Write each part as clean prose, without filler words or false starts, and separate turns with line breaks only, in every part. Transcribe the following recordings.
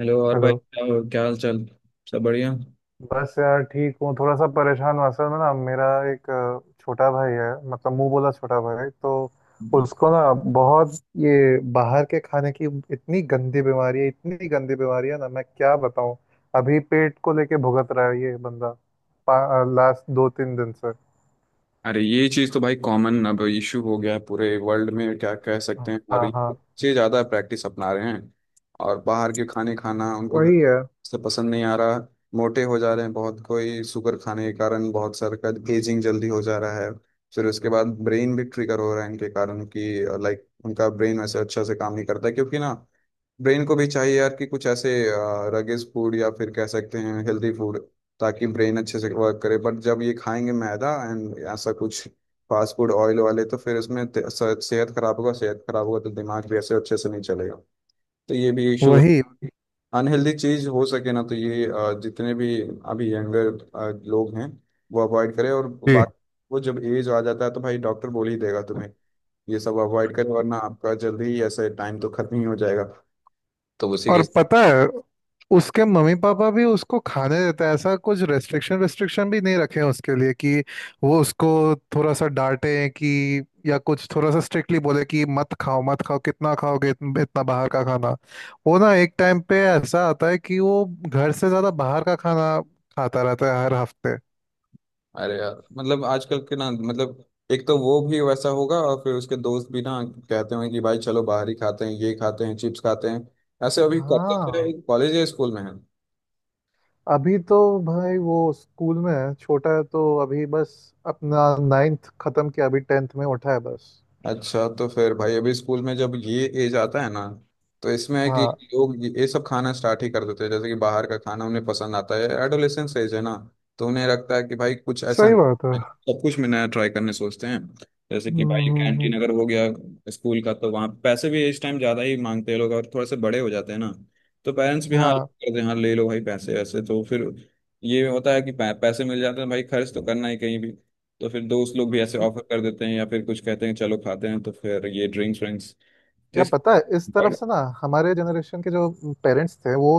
Hello और भाई
hello.
क्या क्या हाल चाल। सब बढ़िया।
बस यार ठीक हूँ, थोड़ा सा परेशान हूँ। असल में ना मेरा एक छोटा भाई है। मतलब मुंह बोला छोटा भाई। तो उसको ना बहुत ये बाहर के खाने की इतनी गंदी बीमारी है, इतनी गंदी बीमारी है ना, मैं क्या बताऊँ। अभी पेट को लेके भुगत रहा है ये बंदा, लास्ट 2-3 दिन से।
अरे ये चीज तो भाई कॉमन अब इशू हो गया है पूरे वर्ल्ड में, क्या कह सकते हैं, और
हाँ
ये
हाँ।
बच्चे ज्यादा प्रैक्टिस अपना रहे हैं और बाहर के खाने खाना उनको घर
वही है।
से पसंद नहीं आ रहा। मोटे हो जा रहे हैं बहुत, कोई शुगर खाने के कारण, बहुत सारे का एजिंग जल्दी हो जा रहा है। फिर उसके बाद ब्रेन भी ट्रिगर हो रहा है इनके कारण कि लाइक उनका ब्रेन वैसे अच्छा से काम नहीं करता है क्योंकि ना, ब्रेन को भी चाहिए यार कि कुछ ऐसे रगेज फूड या फिर कह सकते हैं हेल्दी फूड, ताकि ब्रेन अच्छे से वर्क करे। बट जब ये खाएंगे मैदा एंड ऐसा कुछ फास्ट फूड ऑयल वाले, तो फिर इसमें सेहत खराब होगा, सेहत खराब होगा तो दिमाग भी ऐसे अच्छे से नहीं चलेगा। तो ये भी इशू है।
वही।
अनहेल्दी चीज हो सके ना, तो ये जितने भी अभी यंगर लोग हैं, वो अवॉइड करें। और
जी।
बाकी, वो जब एज आ जाता है तो भाई डॉक्टर बोल ही देगा तुम्हें ये सब अवॉइड करें, वरना आपका जल्दी ही ऐसे टाइम तो खत्म ही हो जाएगा। तो उसी के,
और पता है, उसके मम्मी पापा भी उसको खाने देते हैं, ऐसा कुछ रेस्ट्रिक्शन रेस्ट्रिक्शन भी नहीं रखे हैं उसके लिए, कि वो उसको थोड़ा सा डांटे, कि या कुछ थोड़ा सा स्ट्रिक्टली बोले कि मत खाओ मत खाओ, कितना खाओगे इतना बाहर का खाना। वो ना, एक टाइम पे ऐसा आता है कि वो घर से ज्यादा बाहर का खाना खाता रहता है, हर हफ्ते।
अरे यार आजकल के ना, मतलब एक तो वो भी वैसा होगा और फिर उसके दोस्त भी ना, कहते होंगे कि भाई चलो बाहर ही खाते हैं, ये खाते हैं, चिप्स खाते हैं। ऐसे अभी
हाँ।
करते, कॉलेज या स्कूल में है।
अभी तो भाई वो स्कूल में है, छोटा है, तो अभी बस अपना नाइन्थ खत्म किया, अभी टेंथ में उठा है बस।
अच्छा, तो फिर भाई अभी स्कूल में जब ये एज आता है ना, तो इसमें है कि
हाँ।
लोग ये सब खाना स्टार्ट ही कर देते हैं, जैसे कि बाहर का खाना उन्हें पसंद आता है। एडोलेसेंस एज है ना, तो उन्हें लगता है कि भाई कुछ ऐसा
सही
नहीं
बात है।
है। सब कुछ में नया ट्राई करने सोचते हैं। जैसे
हम्म
कि भाई
हम्म,
कैंटीन
हम्म।
अगर हो गया स्कूल का, तो वहाँ पैसे भी इस टाइम ज़्यादा ही मांगते हैं लोग, और थोड़े से बड़े हो जाते हैं ना, तो पेरेंट्स भी हाँ
हाँ।
करते हैं, हाँ ले लो भाई पैसे, ऐसे। तो फिर ये होता है कि पैसे मिल जाते हैं, भाई खर्च तो करना ही कहीं भी, तो फिर दोस्त लोग भी ऐसे ऑफर कर देते हैं या फिर कुछ कहते हैं चलो खाते हैं, तो फिर ये ड्रिंक्स व्रिंक्स। तो
या
इस,
पता है, इस तरफ से ना, हमारे जनरेशन के जो पेरेंट्स थे वो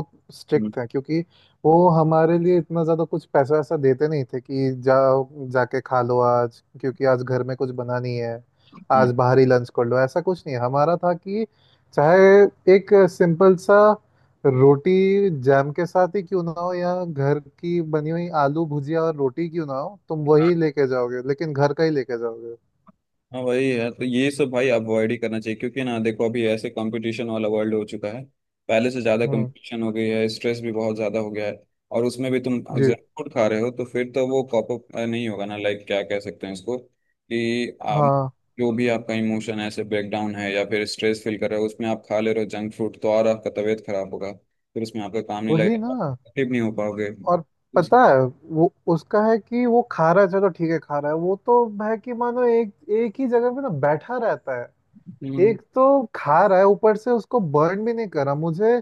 हम्म,
स्ट्रिक्ट थे, क्योंकि वो हमारे लिए इतना ज़्यादा कुछ पैसा वैसा देते नहीं थे कि जाओ जाके खा लो आज, क्योंकि आज घर में कुछ बना नहीं है,
हम्म।
आज बाहरी लंच कर लो, ऐसा कुछ नहीं है। हमारा था कि चाहे एक सिंपल सा रोटी जैम के साथ ही क्यों ना हो, या घर की बनी हुई आलू भुजिया और रोटी क्यों ना हो, तुम वही लेके जाओगे, लेकिन घर का ही लेके जाओगे।
हाँ भाई यार, तो ये सब भाई अवॉइड ही करना चाहिए क्योंकि ना देखो, अभी ऐसे कंपटीशन वाला वर्ल्ड हो चुका है, पहले से ज्यादा
हम्म।
कंपटीशन हो गई है, स्ट्रेस भी बहुत ज्यादा हो गया है। और उसमें भी तुम
जी।
जंक फूड खा रहे हो, तो फिर तो वो कॉप अप नहीं होगा ना। लाइक क्या कह सकते हैं इसको कि आप,
हाँ।
जो भी आपका इमोशन है ऐसे, ब्रेकडाउन है या फिर स्ट्रेस फील कर रहे हो, उसमें आप खा ले रहे हो जंक फूड, तो और आपका तबीयत खराब होगा। फिर उसमें आपका काम नहीं
वही
लगेगा,
ना।
एक्टिव नहीं हो पाओगे।
और पता है, वो उसका है कि वो खा रहा है, चलो ठीक है खा रहा है, वो तो है कि मानो एक एक ही जगह पे ना बैठा रहता है। एक तो खा रहा है, ऊपर से उसको बर्न भी नहीं कर रहा। मुझे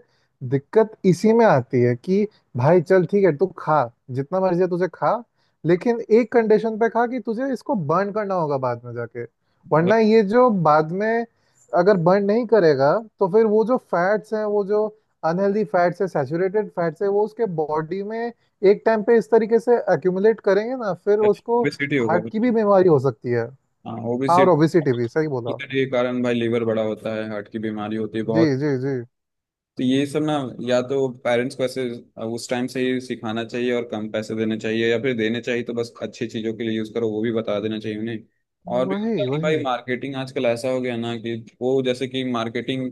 दिक्कत इसी में आती है कि भाई चल ठीक है तू खा, जितना मर्जी है तुझे खा, लेकिन एक कंडीशन पे खा, कि तुझे इसको बर्न करना होगा बाद में जाके। वरना ये जो बाद में, अगर बर्न नहीं करेगा, तो फिर वो जो फैट्स हैं, वो जो अनहेल्दी फैट्स है, सैचुरेटेड फैट्स है, वो उसके बॉडी में एक टाइम पे इस तरीके से एक्यूमुलेट करेंगे ना, फिर उसको
ओबेसिटी होगा।
हार्ट की भी बीमारी हो सकती है।
हाँ,
हाँ, और
ओबेसिटी
ओबेसिटी भी सही बोला।
के कारण भाई लीवर बड़ा होता है, हार्ट की बीमारी होती है
जी
बहुत।
जी जी।
तो ये सब ना, या तो पेरेंट्स को ऐसे उस टाइम से ही सिखाना चाहिए, और कम पैसे देने चाहिए, या फिर देने चाहिए तो बस अच्छी चीज़ों के लिए यूज़ करो वो भी बता देना चाहिए उन्हें। और भी होता
वही
है कि भाई
वही।
मार्केटिंग आजकल ऐसा हो गया ना कि, वो जैसे कि मार्केटिंग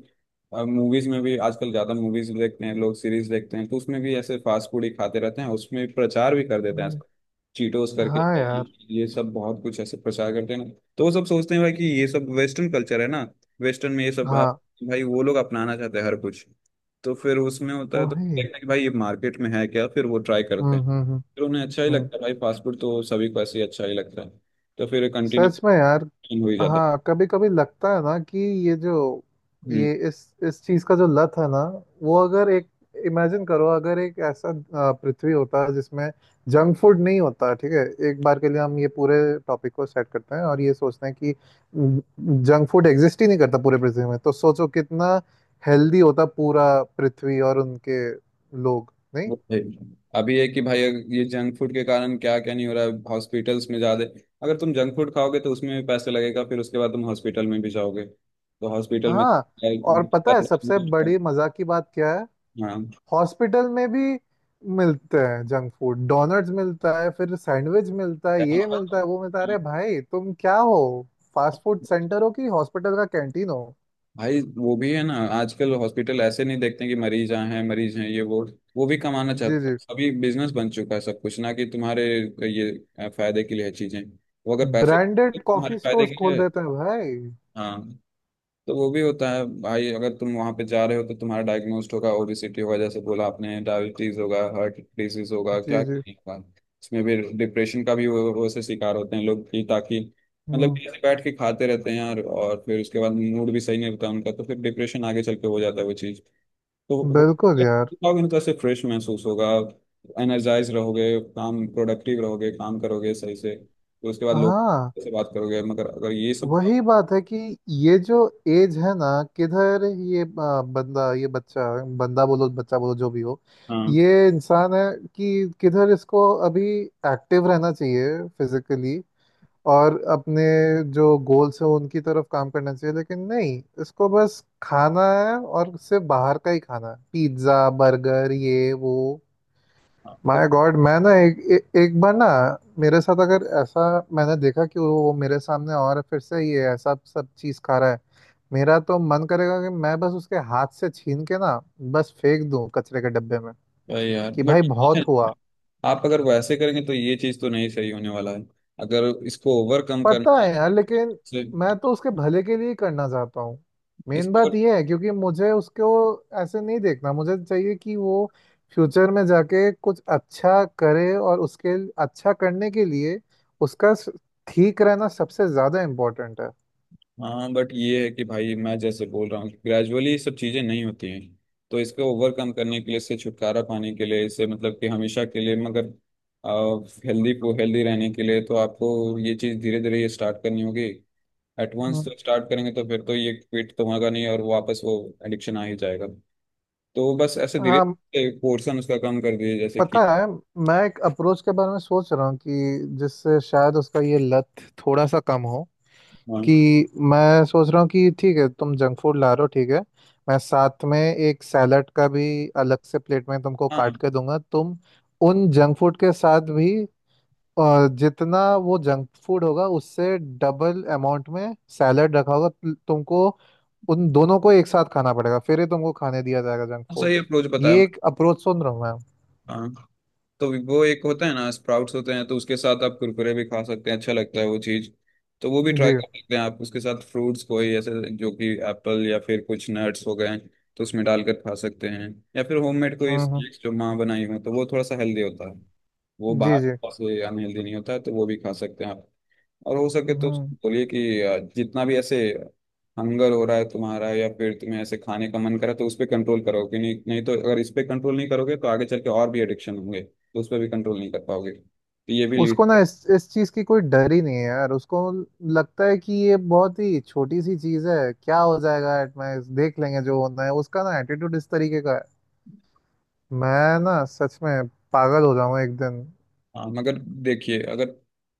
मूवीज में भी, आजकल ज़्यादा मूवीज देखते हैं लोग, सीरीज देखते हैं, तो उसमें भी ऐसे फास्ट फूड ही खाते रहते हैं, उसमें प्रचार भी कर देते हैं।
हम्म।
चीटोस करके,
हाँ यार।
ये सब बहुत कुछ ऐसे प्रचार करते हैं ना। तो वो सब सोचते हैं भाई कि ये सब वेस्टर्न कल्चर है ना, वेस्टर्न में ये सब
हाँ।
भाई वो लोग अपनाना चाहते हैं हर कुछ। तो फिर उसमें होता है, तो देखते
वही।
हैं कि भाई ये मार्केट में है क्या, फिर वो ट्राई करते हैं।
हम्म।
फिर उन्हें अच्छा ही
हम्म।
लगता है, भाई फास्ट फूड तो सभी को ऐसे ही अच्छा ही लगता है। तो फिर
सच में
कंटिन्यू
यार।
हो ही जाता
हाँ, कभी कभी लगता है ना कि ये जो,
है।
ये इस चीज का जो लत है ना, वो अगर एक, इमेजिन करो अगर एक ऐसा पृथ्वी होता है जिसमें जंक फूड नहीं होता, ठीक है, एक बार के लिए हम ये पूरे टॉपिक को सेट करते हैं और ये सोचते हैं कि हम्म, जंक फूड एग्जिस्ट ही नहीं करता पूरे पृथ्वी में, तो सोचो कितना हेल्दी होता पूरा पृथ्वी और उनके लोग, नहीं।
वो है। अभी है कि भाई, अगर ये जंक फूड के कारण क्या क्या नहीं हो रहा है, हॉस्पिटल्स में ज्यादा, अगर तुम जंक फूड खाओगे तो उसमें भी पैसे लगेगा, फिर उसके बाद तुम हॉस्पिटल में भी जाओगे, तो हॉस्पिटल में
हाँ। और पता है, सबसे बड़ी मजा की बात क्या है,
हाँ,
हॉस्पिटल में भी मिलते हैं जंक फूड। डोनट्स मिलता है, फिर सैंडविच मिलता है, ये मिलता है वो मिलता है। अरे भाई तुम क्या हो, फास्ट फूड सेंटर हो कि हॉस्पिटल का कैंटीन हो।
भाई वो भी है ना, आजकल हॉस्पिटल ऐसे नहीं देखते कि मरीज आए हैं, मरीज हैं ये वो भी कमाना
जी
चाहते
जी।
हैं। अभी बिजनेस बन चुका है सब कुछ ना, कि तुम्हारे ये फायदे के लिए है चीजें। वो अगर पैसे,
ब्रांडेड
तुम्हारे
कॉफी
फायदे
स्टोर्स
के लिए
खोल
है,
देते हैं भाई।
हाँ। तो वो भी होता है भाई, अगर तुम वहां पे जा रहे हो तो तुम्हारा डायग्नोस्ट होगा, ओबेसिटी होगा, जैसे बोला आपने, डायबिटीज होगा, हार्ट डिजीज होगा,
जी
क्या
जी।
क्या नहीं होगा। उसमें भी डिप्रेशन का भी वो से शिकार होते हैं लोग, कि ताकि, मतलब
हम्म।
कि ऐसे बैठ के खाते रहते हैं यार, और फिर उसके बाद मूड भी सही नहीं होता उनका, तो फिर डिप्रेशन आगे चल के हो जाता है वो चीज़। तो
बिल्कुल यार।
खाओगे ना तो ऐसे फ्रेश महसूस होगा, एनर्जाइज रहोगे, काम प्रोडक्टिव रहोगे, काम करोगे सही से, तो उसके बाद लोग
हाँ,
से बात करोगे। मगर अगर ये सब, हाँ,
वही बात है कि ये जो एज है ना, किधर ये बंदा, ये बच्चा, बंदा बोलो बच्चा बोलो जो भी हो, ये इंसान है, कि किधर इसको अभी एक्टिव रहना चाहिए फिजिकली, और अपने जो गोल्स हैं उनकी तरफ काम करना चाहिए, लेकिन नहीं, इसको बस खाना है और सिर्फ बाहर का ही खाना है,
हाँ,
पिज्ज़ा, बर्गर, ये वो।
हाँ। तो
माय गॉड, मैं ना एक एक बार ना, मेरे साथ अगर ऐसा, मैंने देखा कि वो मेरे सामने और फिर से ये ऐसा सब चीज खा रहा है, मेरा तो मन करेगा कि मैं बस उसके हाथ से छीन के ना बस फेंक दूं कचरे के डब्बे में,
भाई यार
कि भाई
बट,
बहुत हुआ।
आप अगर वैसे करेंगे तो ये चीज तो नहीं सही होने वाला है। अगर इसको ओवरकम
पता
करना है
है यार, लेकिन
से
मैं तो उसके भले के लिए ही करना चाहता हूँ। मेन
इसको,
बात यह है, क्योंकि मुझे उसको ऐसे नहीं देखना, मुझे चाहिए कि वो फ्यूचर में जाके कुछ अच्छा करे, और उसके अच्छा करने के लिए उसका ठीक रहना सबसे ज़्यादा इम्पोर्टेंट है।
हाँ बट ये है कि भाई मैं जैसे बोल रहा हूँ, ग्रेजुअली ये सब चीजें नहीं होती हैं। तो इसको ओवरकम करने के लिए, इससे छुटकारा पाने के लिए, इससे मतलब कि हमेशा के लिए, मगर हेल्दी को हेल्दी रहने के लिए, तो आपको ये चीज धीरे धीरे ये स्टार्ट करनी होगी। At once
hmm.
तो स्टार्ट करेंगे तो फिर तो ये क्विट तो होगा नहीं, और वापस वो एडिक्शन आ ही जाएगा। तो बस ऐसे धीरे
हाँ
धीरे पोर्शन उसका कम कर दिए, जैसे
पता
कि,
है, मैं एक अप्रोच के बारे में सोच रहा हूँ कि जिससे शायद उसका ये लत थोड़ा सा कम हो, कि
हाँ,
मैं सोच रहा हूँ कि ठीक है तुम जंक फूड ला रहे हो, ठीक है, मैं साथ में एक सैलड का भी अलग से प्लेट में तुमको
हाँ।
काट के दूंगा, तुम उन जंक फूड के साथ भी जितना वो जंक फूड होगा उससे डबल अमाउंट में सैलड रखा होगा, तुमको उन दोनों को एक साथ खाना पड़ेगा, फिर ही तुमको खाने दिया जाएगा जंक फूड।
सही अप्रोच बताया।
ये एक अप्रोच सुन रहा हूँ मैं।
हाँ, तो वो एक होता है ना स्प्राउट्स होते हैं, तो उसके साथ आप कुरकुरे भी खा सकते हैं, अच्छा लगता है वो चीज़। तो वो भी ट्राई
जी।
कर सकते हैं आप, उसके साथ फ्रूट्स कोई ऐसे जो कि एप्पल, या फिर कुछ नट्स हो गए तो उसमें डालकर खा सकते हैं। या फिर होममेड कोई
हम्म हम्म,
स्नैक्स जो माँ बनाई हो, तो वो थोड़ा सा हेल्दी होता है, वो
जी जी।
बाहर से अनहेल्दी नहीं होता है, तो वो भी खा सकते हैं आप। और हो सके तो
हम्म।
उसको बोलिए कि जितना भी ऐसे हंगर हो रहा है तुम्हारा, या फिर तुम्हें ऐसे खाने का मन करे, तो उस पर कंट्रोल करो कि नहीं, नहीं तो अगर इस पे कंट्रोल नहीं करोगे तो आगे चल के और भी एडिक्शन होंगे, तो उस पर भी कंट्रोल नहीं कर पाओगे, तो ये भी
उसको ना
लीड,
इस चीज की कोई डर ही नहीं है यार, उसको लगता है कि ये बहुत ही छोटी सी चीज है, क्या हो जाएगा, एट में देख लेंगे जो होना है, उसका ना एटीट्यूड इस तरीके का है। मैं ना सच में पागल हो जाऊंगा एक दिन।
हाँ मगर। देखिए, अगर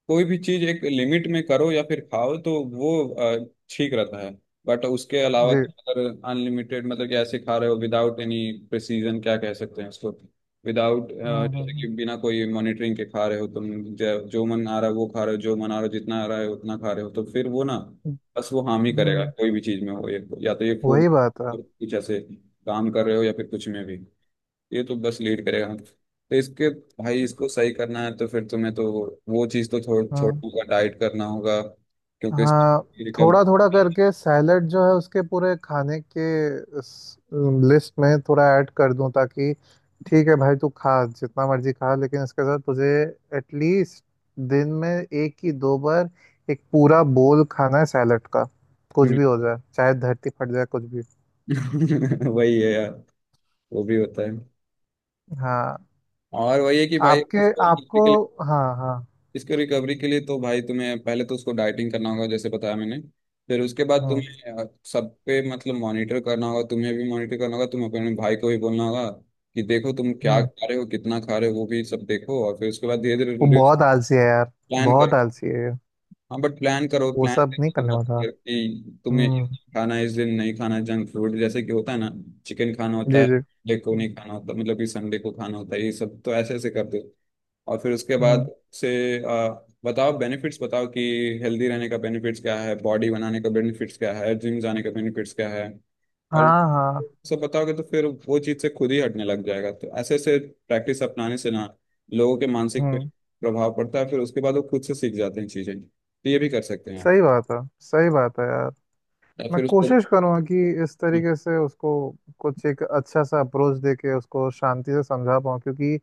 कोई भी चीज एक लिमिट में करो या फिर खाओ तो वो अ, ठीक रहता है, बट उसके अलावा
जी।
अगर अनलिमिटेड, मतलब कि ऐसे खा रहे हो विदाउट एनी प्रिसीजन, क्या कह सकते हैं उसको, विदाउट
हम्म
जैसे कि
हम्म
बिना कोई मॉनिटरिंग के खा रहे हो तुम, जो मन आ रहा है वो खा रहे हो, जो मन आ रहा है जितना आ रहा है उतना खा रहे हो, तो फिर वो ना
हम्म
बस वो हार्म ही
हम्म,
करेगा।
हम्म।
कोई भी चीज में हो, ये या तो ये फूड,
वही बात है।
कुछ ऐसे काम कर रहे हो या फिर कुछ में भी, ये तो बस लीड करेगा। तो इसके, भाई इसको सही करना है तो फिर तुम्हें तो वो चीज़ तो छोड़,
हम्म।
छोड़ने का डाइट करना होगा क्योंकि
हाँ,
इसका रिकवरी,
थोड़ा थोड़ा करके सैलेड जो है उसके पूरे खाने के लिस्ट में थोड़ा ऐड कर दूं, ताकि ठीक है भाई तू खा, जितना मर्जी खा, लेकिन इसके साथ तुझे एटलीस्ट दिन में एक ही दो बार एक पूरा बोल खाना है सैलेड का, कुछ भी हो जाए, चाहे धरती फट जाए, कुछ भी।
वही है यार। वो भी होता है,
हाँ।
और वही है कि भाई
आपके
इसको recovery
आपको।
के लिए,
हाँ हाँ।
इसके रिकवरी के लिए तो भाई तुम्हें पहले तो उसको डाइटिंग करना होगा जैसे बताया मैंने। फिर उसके बाद
हम्म
तुम्हें सब पे मतलब मॉनिटर करना होगा, तुम्हें भी मॉनिटर करना होगा, तुम अपने भाई को भी बोलना होगा कि देखो तुम क्या
हम्म।
खा रहे हो, कितना खा रहे हो, वो भी सब देखो, और फिर उसके बाद धीरे
वो
धीरे
बहुत आलसी है यार,
प्लान
बहुत
करो।
आलसी है,
हाँ बट प्लान करो,
वो
प्लान
सब नहीं
तो
करने
मत
वाला।
करो कि तुम्हें ये
हम्म।
खाना है, इस दिन नहीं खाना जंक फूड, जैसे कि होता है ना चिकन खाना होता
जी
है
जी।
संडे को, नहीं खाना होता मतलब कि संडे को खाना होता है, ये सब तो ऐसे ऐसे कर दो। और फिर उसके बाद
हम्म।
से आ, बताओ, बेनिफिट्स बताओ कि हेल्दी रहने का बेनिफिट्स क्या है, बॉडी बनाने का बेनिफिट्स क्या है, जिम जाने का बेनिफिट्स क्या है। और
हाँ हाँ।
सब बताओगे तो फिर वो चीज़ से खुद ही हटने लग जाएगा। तो ऐसे ऐसे प्रैक्टिस अपनाने से ना, लोगों के मानसिक पे
हम्म।
प्रभाव पड़ता है, फिर उसके बाद वो खुद से सीख जाते हैं चीज़ें, तो ये भी कर सकते हैं आप।
सही बात है, सही बात है यार।
या
मैं
फिर
कोशिश करूँगा कि इस तरीके से उसको कुछ एक अच्छा सा अप्रोच दे के उसको शांति से समझा पाऊँ, क्योंकि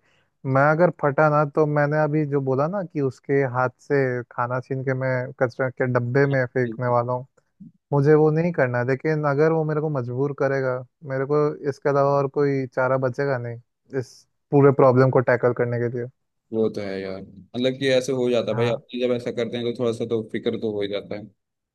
मैं अगर फटा ना, तो मैंने अभी जो बोला ना कि उसके हाथ से खाना छीन के मैं कचरा के डब्बे में फेंकने
उसको,
वाला हूँ, मुझे वो नहीं करना है, लेकिन अगर वो मेरे को मजबूर करेगा, मेरे को इसके अलावा और कोई चारा बचेगा नहीं, इस पूरे प्रॉब्लम को टैकल करने के लिए।
वो तो है यार मतलब कि ऐसे हो जाता है भाई,
हाँ।
अपने जब ऐसा करते हैं तो थोड़ा सा तो फिक्र तो हो ही जाता है।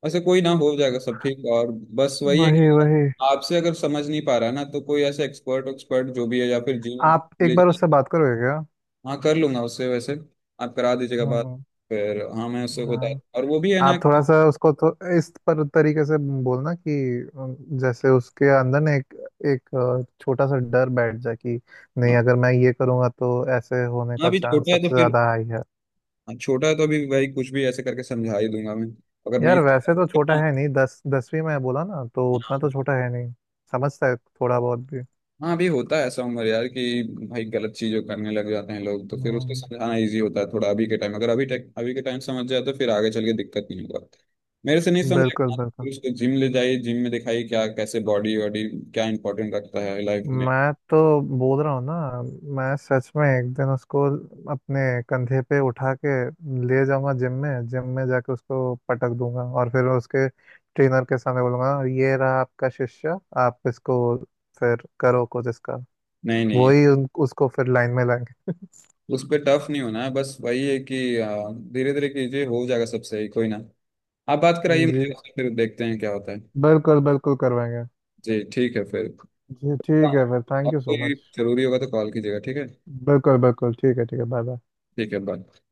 ऐसे कोई ना, हो जाएगा सब ठीक, और बस वही है
वही
कि
वही।
आपसे अगर समझ नहीं पा रहा है ना, तो कोई ऐसे एक्सपर्ट, एक्सपर्ट जो भी है, या फिर जिम
आप एक
ले
बार
जाए।
उससे बात करोगे क्या?
हाँ, कर लूंगा उससे वैसे, आप करा दीजिएगा बात,
हम्म।
फिर हाँ मैं उससे बता।
हाँ।
और वो भी है ना
आप थोड़ा
कि,
सा उसको तो इस पर तरीके से बोलना, कि जैसे उसके अंदर ना एक एक छोटा सा डर बैठ जाए कि नहीं,
हाँ,
अगर मैं ये करूँगा तो ऐसे होने
हाँ,
का
अभी
चांस
छोटा है तो
सबसे
फिर,
ज़्यादा हाई है।
हाँ, छोटा है तो अभी भाई कुछ भी ऐसे करके समझा ही दूंगा मैं। अगर नहीं,
यार वैसे तो छोटा है नहीं, दस 10वीं में बोला ना, तो उतना तो
हाँ,
छोटा है नहीं, समझता है थोड़ा बहुत भी।
हाँ, अभी होता है ऐसा उम्र यार, कि भाई गलत चीजें करने लग जाते हैं लोग, तो फिर उसको
हम्म।
समझाना इजी होता है थोड़ा अभी के टाइम, अगर अभी टेक अभी के टाइम समझ जाए तो फिर आगे चल के दिक्कत नहीं होगा। मेरे से नहीं समझेगा
बिल्कुल बिल्कुल।
फिर उसको जिम ले जाइए, जिम में दिखाइए क्या कैसे बॉडी वॉडी क्या इंपॉर्टेंट रखता है लाइफ में।
मैं तो बोल रहा हूँ ना, मैं सच में एक दिन उसको अपने कंधे पे उठा के ले जाऊंगा जिम में, जिम में जाके उसको पटक दूंगा और फिर उसके ट्रेनर के सामने बोलूंगा, ये रहा आपका शिष्य, आप इसको फिर करो कुछ इसका।
नहीं नहीं,
वही उसको फिर लाइन में लाएंगे।
उस पर टफ नहीं होना है, बस वही है कि धीरे धीरे कीजिए, हो जाएगा सब सही, कोई ना। आप बात कराइए मुझे
जी।
उससे, फिर देखते हैं क्या होता है।
बिल्कुल बिल्कुल करवाएंगे।
जी ठीक है फिर।
जी
हाँ,
ठीक है फिर। थैंक यू सो
आपको
मच।
जरूरी होगा तो कॉल कीजिएगा, ठीक है।
बिल्कुल बिल्कुल, ठीक है ठीक है। Bye bye.
ठीक है, बाय।